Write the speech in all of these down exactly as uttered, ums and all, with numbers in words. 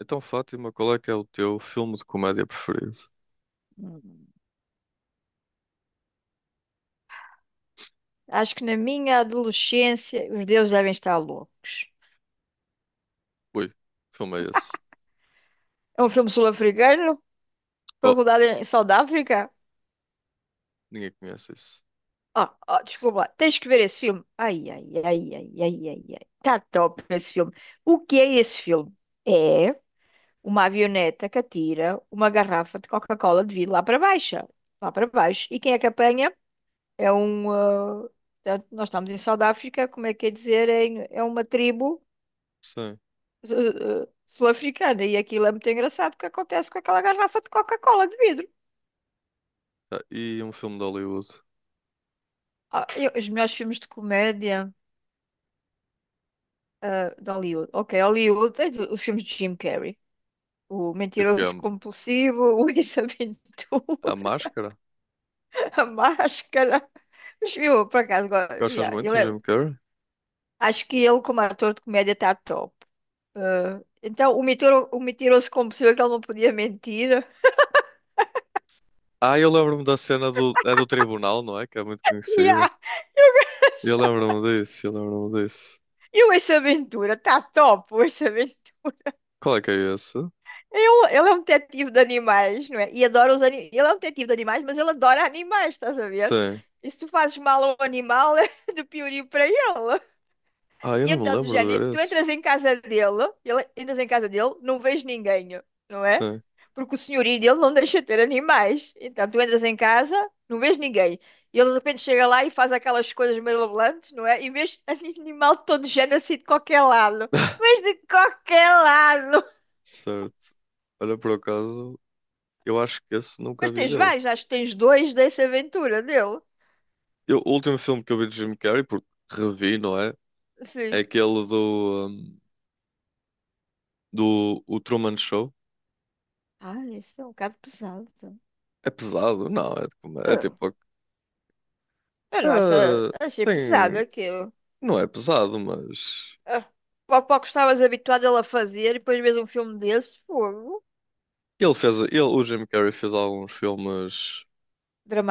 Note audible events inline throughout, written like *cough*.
Então, Fátima, qual é que é o teu filme de comédia preferido? Hum. Acho que na minha adolescência os deuses devem estar loucos. Ui, que filme é esse? É um filme sul-africano, foi Oh, rodado em South Africa. ninguém conhece isso. Ah, ah, desculpa lá, tens que ver esse filme. Ai, ai, ai, ai, ai, ai, ai. Tá top esse filme. O que é esse filme? É uma avioneta que atira uma garrafa de Coca-Cola de vidro lá para baixo. Lá para baixo. E quem é que apanha? É um. ah, portanto, nós estamos em South África, como é que é dizer? É, é uma tribo Sim. su- eh, sul-africana. E aquilo é muito engraçado o que acontece com aquela garrafa de Coca-Cola de vidro. Ah, e um filme de Hollywood? Ah, eu- os melhores filmes de comédia, ah, de Hollywood. Ok, Hollywood, tens os filmes de Jim Carrey. O Tipo que é A, Mentiroso Compulsivo, *laughs* o Ace a Ventura, Máscara? *laughs* a Máscara. Mas eu, por acaso, go- Gostas Yeah, ele muito de é- Jim Carrey? acho que ele, como ator de comédia, está top. Ah, então, o, mitiro, o Mentiroso Compulsivo, é que ele não podia mentir. *laughs* Ah, eu lembro-me da cena do, é do tribunal, não é? Que é muito conhecida. Yeah. Eu lembro-me disso, eu lembro-me disso. E o Ace Ventura, está top, o Ace Ventura. Qual é que é esse? Eu, ele é um detetive de animais, não é? E adora os animais. Ele é um detetive de animais, mas ele adora animais, estás a ver? Sim. E se tu fazes mal a um animal, *laughs* é do piorio para ele. Ah, eu E não me então, do lembro de género, ver tu esse. entras em casa dele, ele, entras em casa dele, não vês ninguém, não é? Sim. Porque o senhorio dele não deixa ter animais. Então, tu entras em casa, não vês ninguém. E ele de repente chega lá e faz aquelas coisas mirabolantes, não é? E vês *laughs* animal de todo género assim de qualquer lado. *laughs* Mas de qualquer lado! Certo. Olha, por acaso, eu acho que esse nunca Mas vi tens dele. vários, acho que tens dois dessa aventura dele. Eu- o último filme que eu vi de Jim Carrey, porque revi, não é? É Sim. aquele do, hum, do o Truman Show. Ah, isso é um bocado pesado. É pesado? Não, é, tipo- É Ah, tipo. eu não acho, é- achei Tem, pesado aquilo. não é pesado, mas. Ah, pouco pouco estavas habituado a ele a fazer e depois vês um filme desses, fogo. Ele fez. Ele, o Jim Carrey fez alguns filmes,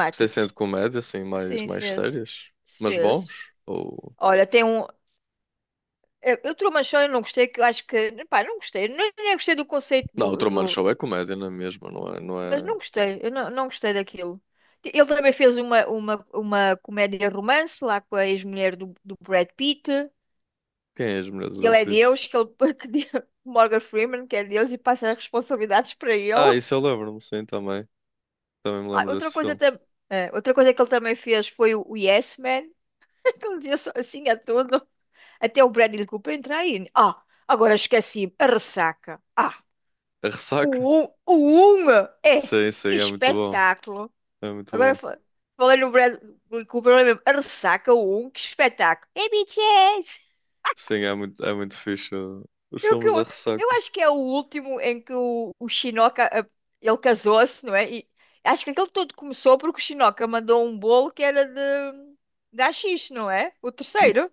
tipo, sem ser de comédia, assim, mais, Sim, mais fez. sérias, mas Fez. bons. Ou... Olha, tem um. Eu, eu Truman Show eu não gostei, que eu acho que. Pá, não gostei. Não, nem gostei do conceito Não, o do, Truman Show do, é comédia, não é mesmo? Não é, não Mas é... não gostei, eu não, não gostei daquilo. Ele também fez uma, uma, uma comédia romance lá com a ex-mulher do, do Brad Pitt, Quem é a mulher do que Brad ele é Pitt? Deus, que ele *laughs* que de-. Morgan Freeman, que é Deus, e passa as responsabilidades para Ah, ele. isso eu lembro-me, sim, também. Também me Ah, lembro outra desse coisa filme. também. Outra coisa que ele também fez foi o o Yes Man, *laughs* que ele dizia só assim a tudo, até o Bradley Cooper entrar aí. Ah, agora esqueci, a ressaca. Ah, A Ressaca? o um, o um, é, Sim, sim, que é muito bom. espetáculo. É muito Agora bom. fa- falando no Brad Cooper, eu lembro, a Ressaca um, que espetáculo. É B T S! Sim, é muito, é muito fixe uh, os Eu, que, filmes eu, da eu Ressaca. acho que é o último em que o, o Shinoka, eh, ele casou-se, não é? E acho que aquele todo começou porque o Shinoka mandou um bolo que era de, de A X, não é? O N- terceiro,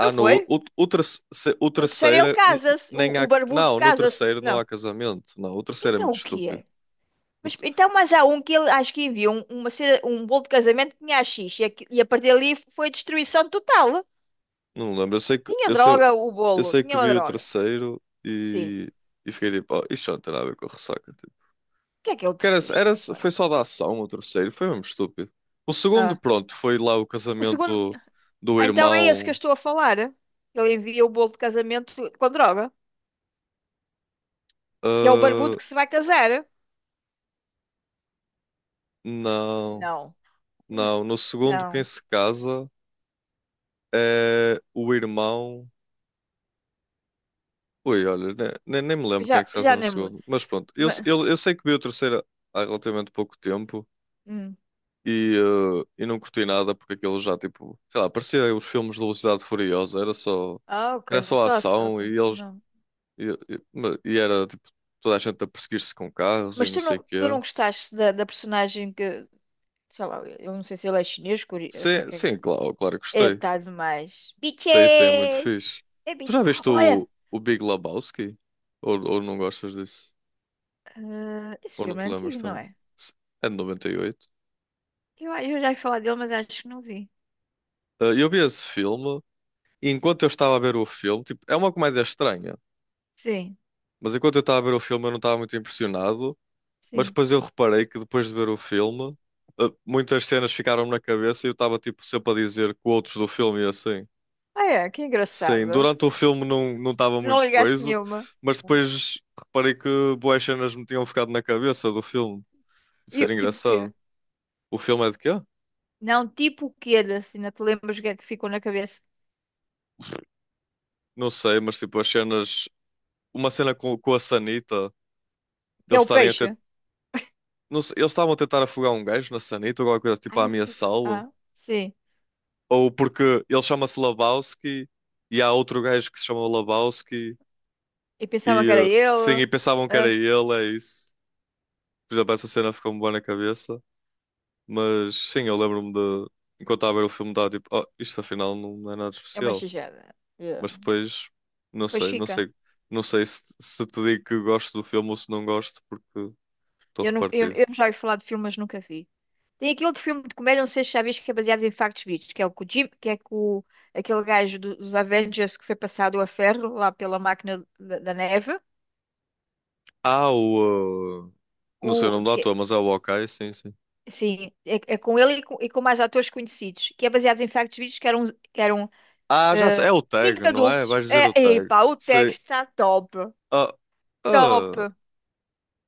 não no, foi? o, o, terce- se- o O terceiro ele terceiro n- casa-se, nem o, o há. barbudo Não, no casa-se. terceiro não Não. há casamento. Não, o terceiro é Então muito o que estúpido. é? O Mas, te- então, mas há um que ele acho que enviou um, uma cena- um bolo de casamento que tinha A X e, aqui- e a partir dali foi destruição total. não lembro. Eu sei que, Tinha eu sei, droga o eu bolo, sei tinha que uma vi o droga. terceiro Sim. e, e fiquei tipo, oh, isto não tem nada a ver com a Ressaca. Tipo. O que é que é o Que era, terceiro já era, foi agora? só da ação o terceiro, foi mesmo estúpido. O segundo, Ah, pronto, foi lá o o segundo. casamento do Ah, então é esse que eu irmão. estou a falar. Ele envia o bolo de casamento com droga, que é o barbudo Ah, que se vai casar. não, Não. N- não. No segundo, quem Não. se casa. Eh, o irmão. Ui, olha, ne- ne- nem me lembro quem é que Já, se casa já no nem me. segundo. Mas pronto, eu, se- Ma-. eu, eu sei que vi o terceiro há relativamente pouco tempo Hum. e, eh, e não curti nada porque aquilo já, tipo, sei lá, parecia os filmes de Velocidade Furiosa, era só, Ah, ok. era só Só assim, ação e ok. eles. Não. E, e- ma- e era, tipo, toda a gente a perseguir-se com carros e Mas não tu sei o não, tu não, quê. gostaste da, da personagem que. Sei lá, eu não sei se ele é chinês, core- eu sei Sim, que sim, é. claro, claro que Ele gostei. está demais. Sei, sei, é muito Bitches! fixe. É Tu bitch. já viste Olha, o, o Big Lebowski? Ou, ou não gostas disso? ah, esse Ou não filme te é lembras antigo, não também? é? Se- É de noventa e oito. Eu, eu já ia falar dele, mas acho que não vi. Ah, eu vi esse filme e enquanto eu estava a ver o filme, tipo, é uma comédia estranha, Sim, mas enquanto eu estava a ver o filme eu não estava muito impressionado, mas sim. depois eu reparei que depois de ver o filme, ah, muitas cenas ficaram-me na cabeça e eu estava tipo sempre a dizer quotes do filme e assim. Ah, é, que Sim, engraçado. durante o filme não não estava Não muito ligaste coisa, nenhuma. mas depois reparei que boas cenas me tinham ficado na cabeça do filme. Isso E, era eu- tipo o quê? engraçado. O filme é de quê? Não, tipo o quê da cena? Te lembras o que é que ficou na cabeça? Não sei, mas tipo, as cenas uma cena com, com a sanita, Que é deles o estarem a peixe? tentar. Não sei, eles estavam a tentar afogar um gajo na sanita ou alguma coisa tipo Ah, a é a fuca. ameaçá-lo. Ah, sim. Ou porque ele chama-se Lebowski e há outro gajo que se chama Lebowski E pensava que era e eh, sim, e ele. pensavam que era Ah, ele, é isso. Por exemplo, essa cena ficou-me boa na cabeça. Mas sim, eu lembro-me de. Enquanto estava a ver o filme, estava tipo, oh, isto afinal não é nada é uma especial. xijada. Yeah. Mas depois, não Pois sei, não fica. sei, não sei se, se te digo que gosto do filme ou se não gosto, porque estou Eu, não, eu, repartido. eu já ia falar de filmes, nunca vi. Tem aquele outro filme de comédia, não sei se já viste, que é baseado em factos verídicos, que é o com o Jim, que é com o- aquele gajo do- dos Avengers que foi passado a ferro lá pela máquina da, da neve. Ah, o. uh, Não sei o O, nome do ator, que, mas é o Hawkeye, sim, sim. sim, é, é com ele e com, e com mais atores conhecidos, que é baseado em factos verídicos, que eram, que eram Ah, já sei. É eh, o tag, cinco não é? adultos. Vais dizer o É, tag. epá, o Sim. texto está top, Ah, top. ah,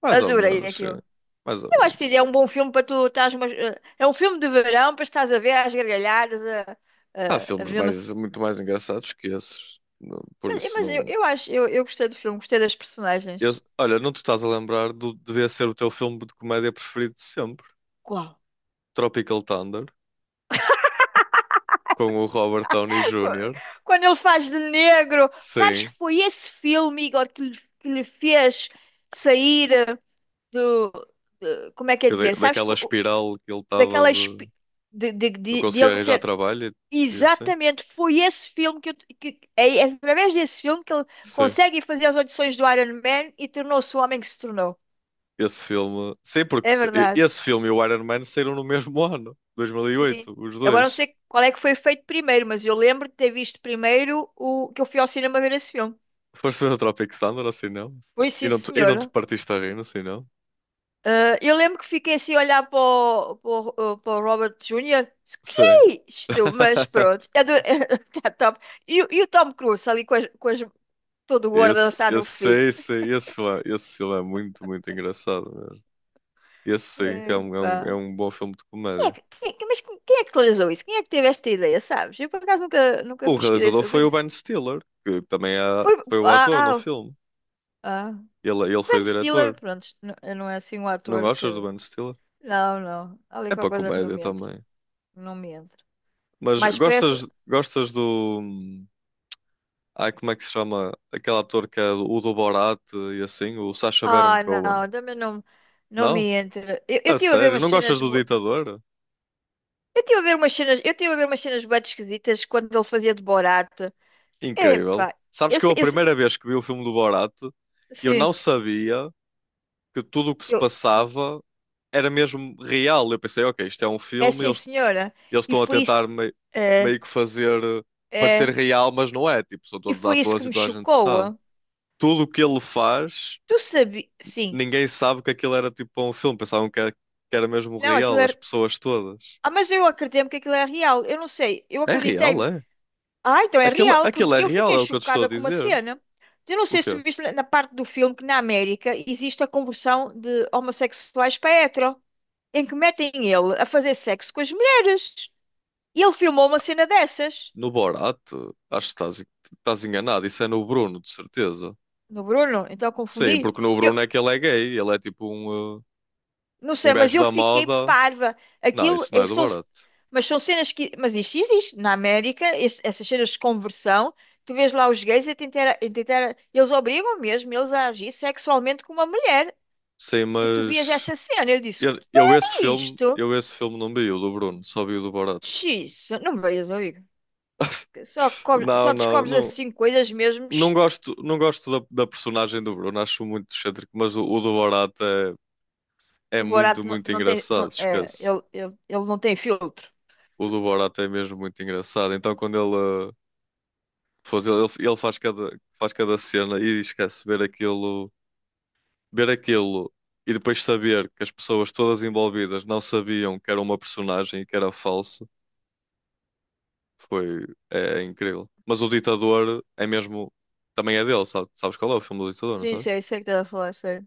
mais ou Adorei menos, sim. aquilo. Mais ou Eu acho que é menos. um bom filme para tu estás... Mas, eh, é um filme de verão para estás a ver às gargalhadas, a, Há a, a filmes ver uma, mais, muito mais engraçados que esses. Não- por mas, eh, isso mas eu, não. eu acho, eu, eu gostei do filme, gostei das personagens. Esse- olha, não te estás a lembrar do. Devia ser o teu filme de comédia preferido de sempre: Qual? Tropical Thunder, com o Robert Downey Qu- júnior Quando ele faz de negro, sabes que Sim. foi esse filme, Igor, que lhe, que lhe fez sair eh, do, de- como é que é Que da- dizer? Sabes que daquela o- espiral que ele estava daquela de. espi- de, de, Não de, de conseguia ele arranjar ser, trabalho e, e assim. exatamente foi esse filme que, eu- que é é através desse filme que ele Sim. consegue fazer as audições do Iron Man e tornou-se o homem que se tornou. Esse filme. Sim, É porque se- e- verdade. esse filme e o Iron Man saíram no mesmo *laughs* ano, Sim. dois mil e oito, os Agora não dois. sei qual é que foi feito primeiro, mas eu lembro de ter visto primeiro o que eu fui ao cinema ver esse filme. Foste ver o Tropic Thunder, assim não? Foi, E sim, não te, e não te senhora. partiste a rir, assim não? Ah, eu lembro que fiquei assim a olhar para o, para o- ah, para o Robert júnior Que Sim. é isto? Mas *laughs* pronto, é do... *laughs* tá top. E, o e o Tom Cruise ali com as, com as- todo gordo a Esse, dançar no esse, fim. sei, sei, esse filme é, esse filme é muito, muito engraçado mesmo. Esse sim, que é um, é um, é Epá. um bom filme de Quem é comédia. que, quem é que- mas quem, quem é que realizou isso? Quem é que teve esta ideia, sabes? Eu por acaso nunca, nunca O pesquisei realizador foi sobre o isso. Ben Stiller, que também é, Foi. foi o ator no Ah, filme. ah. Ele, ele foi o Ben Stiller, diretor. pronto, n- não é assim um Não ator que. gostas do Ben Stiller? Não, não. Há ali É qualquer para coisa que não comédia me entra. também. Não me entra. Mas Mais gostas, pressa. gostas do. hum, Ai, como é que se chama? Aquele ator que é o do Borat e assim, o Sacha Baron Ah, Cohen. não, também não, não me Não? entra. Eu, eu A tive a ver sério? umas Não gostas cenas. do Bo-. Ditador? Eu tive a ver umas cenas. Eu tive a ver umas cenas bué esquisitas quando ele fazia de Borat. Incrível. Epá, Sabes eu que eu sei, a eu sei. primeira vez que vi o filme do Borat, eu Sim, não sabia que tudo o que se que eu, passava era mesmo real. Eu pensei, ok, isto é um é filme, sim, eles, senhora. eles E estão a foi isso. tentar mei- É, meio que fazer eh, parecer é. real, mas não é. Tipo, são E todos foi isso que atores e me toda a gente chocou. sabe. ah. Tudo o que ele faz Tu sabias. Sim. ninguém sabe que aquilo era tipo um filme, pensavam que era, que era mesmo Não, aquilo real, as era. pessoas todas. Ah, mas eu acreditei-me que aquilo é real. Eu não sei. Eu É real, acreditei. é? Ah, então é Aquilo, real, porque aquilo é eu real, fiquei é o que eu te estou a chocada com uma dizer. cena. Eu não O sei se quê? tu viste na na parte do filme que na América existe a conversão de homossexuais para hetero, em que metem ele a fazer sexo com as mulheres. E ele filmou uma cena dessas No Borat? Acho que estás, estás enganado, isso é no Bruno, de certeza. no Bruno, então eu Sim, confundi. porque no Eu Bruno é que ele é gay, ele é tipo um, uh, não um sei, mas gajo eu da fiquei moda. parva. Não, Aquilo isso não é é, do são, Borat. mas são cenas que, mas isto existe na América, es- essas cenas de conversão. Tu vês lá os gays a tentar, a tentar, eles obrigam mesmo eles a agir sexualmente com uma mulher. Sim, E tu vias mas essa cena, eu disse, eu, eu esse que é filme, isto? eu esse filme não vi o do Bruno, só vi o do Borat. Xiça, não veias amigo. Só, cobre- Não, Só não, descobres não, assim coisas mesmo. não Sh-. gosto, não gosto da, da personagem do Bruno, acho muito excêntrico, mas o, o do Borat é, é O muito, Borato não, muito não tem. engraçado, Não-. É, esquece. ele, ele, ele não tem filtro. O do Borat é mesmo muito engraçado. Então, quando ele, uh, faz, ele, ele faz cada, faz cada cena e esquece ver aquilo, ver aquilo e depois saber que as pessoas todas envolvidas não sabiam que era uma personagem e que era falso, foi, é, é incrível. Mas o Ditador é mesmo, também é dele, sabe? Sabes qual é o filme do Ditador, não Sim, sabes? sei, sei o que estás a falar, sei.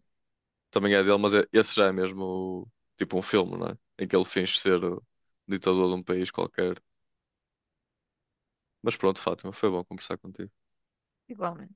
Também é dele, mas é- esse já é mesmo tipo um filme, não é? Em que ele finge ser o ditador de um país qualquer. Mas pronto, Fátima, foi bom conversar contigo. Igualmente.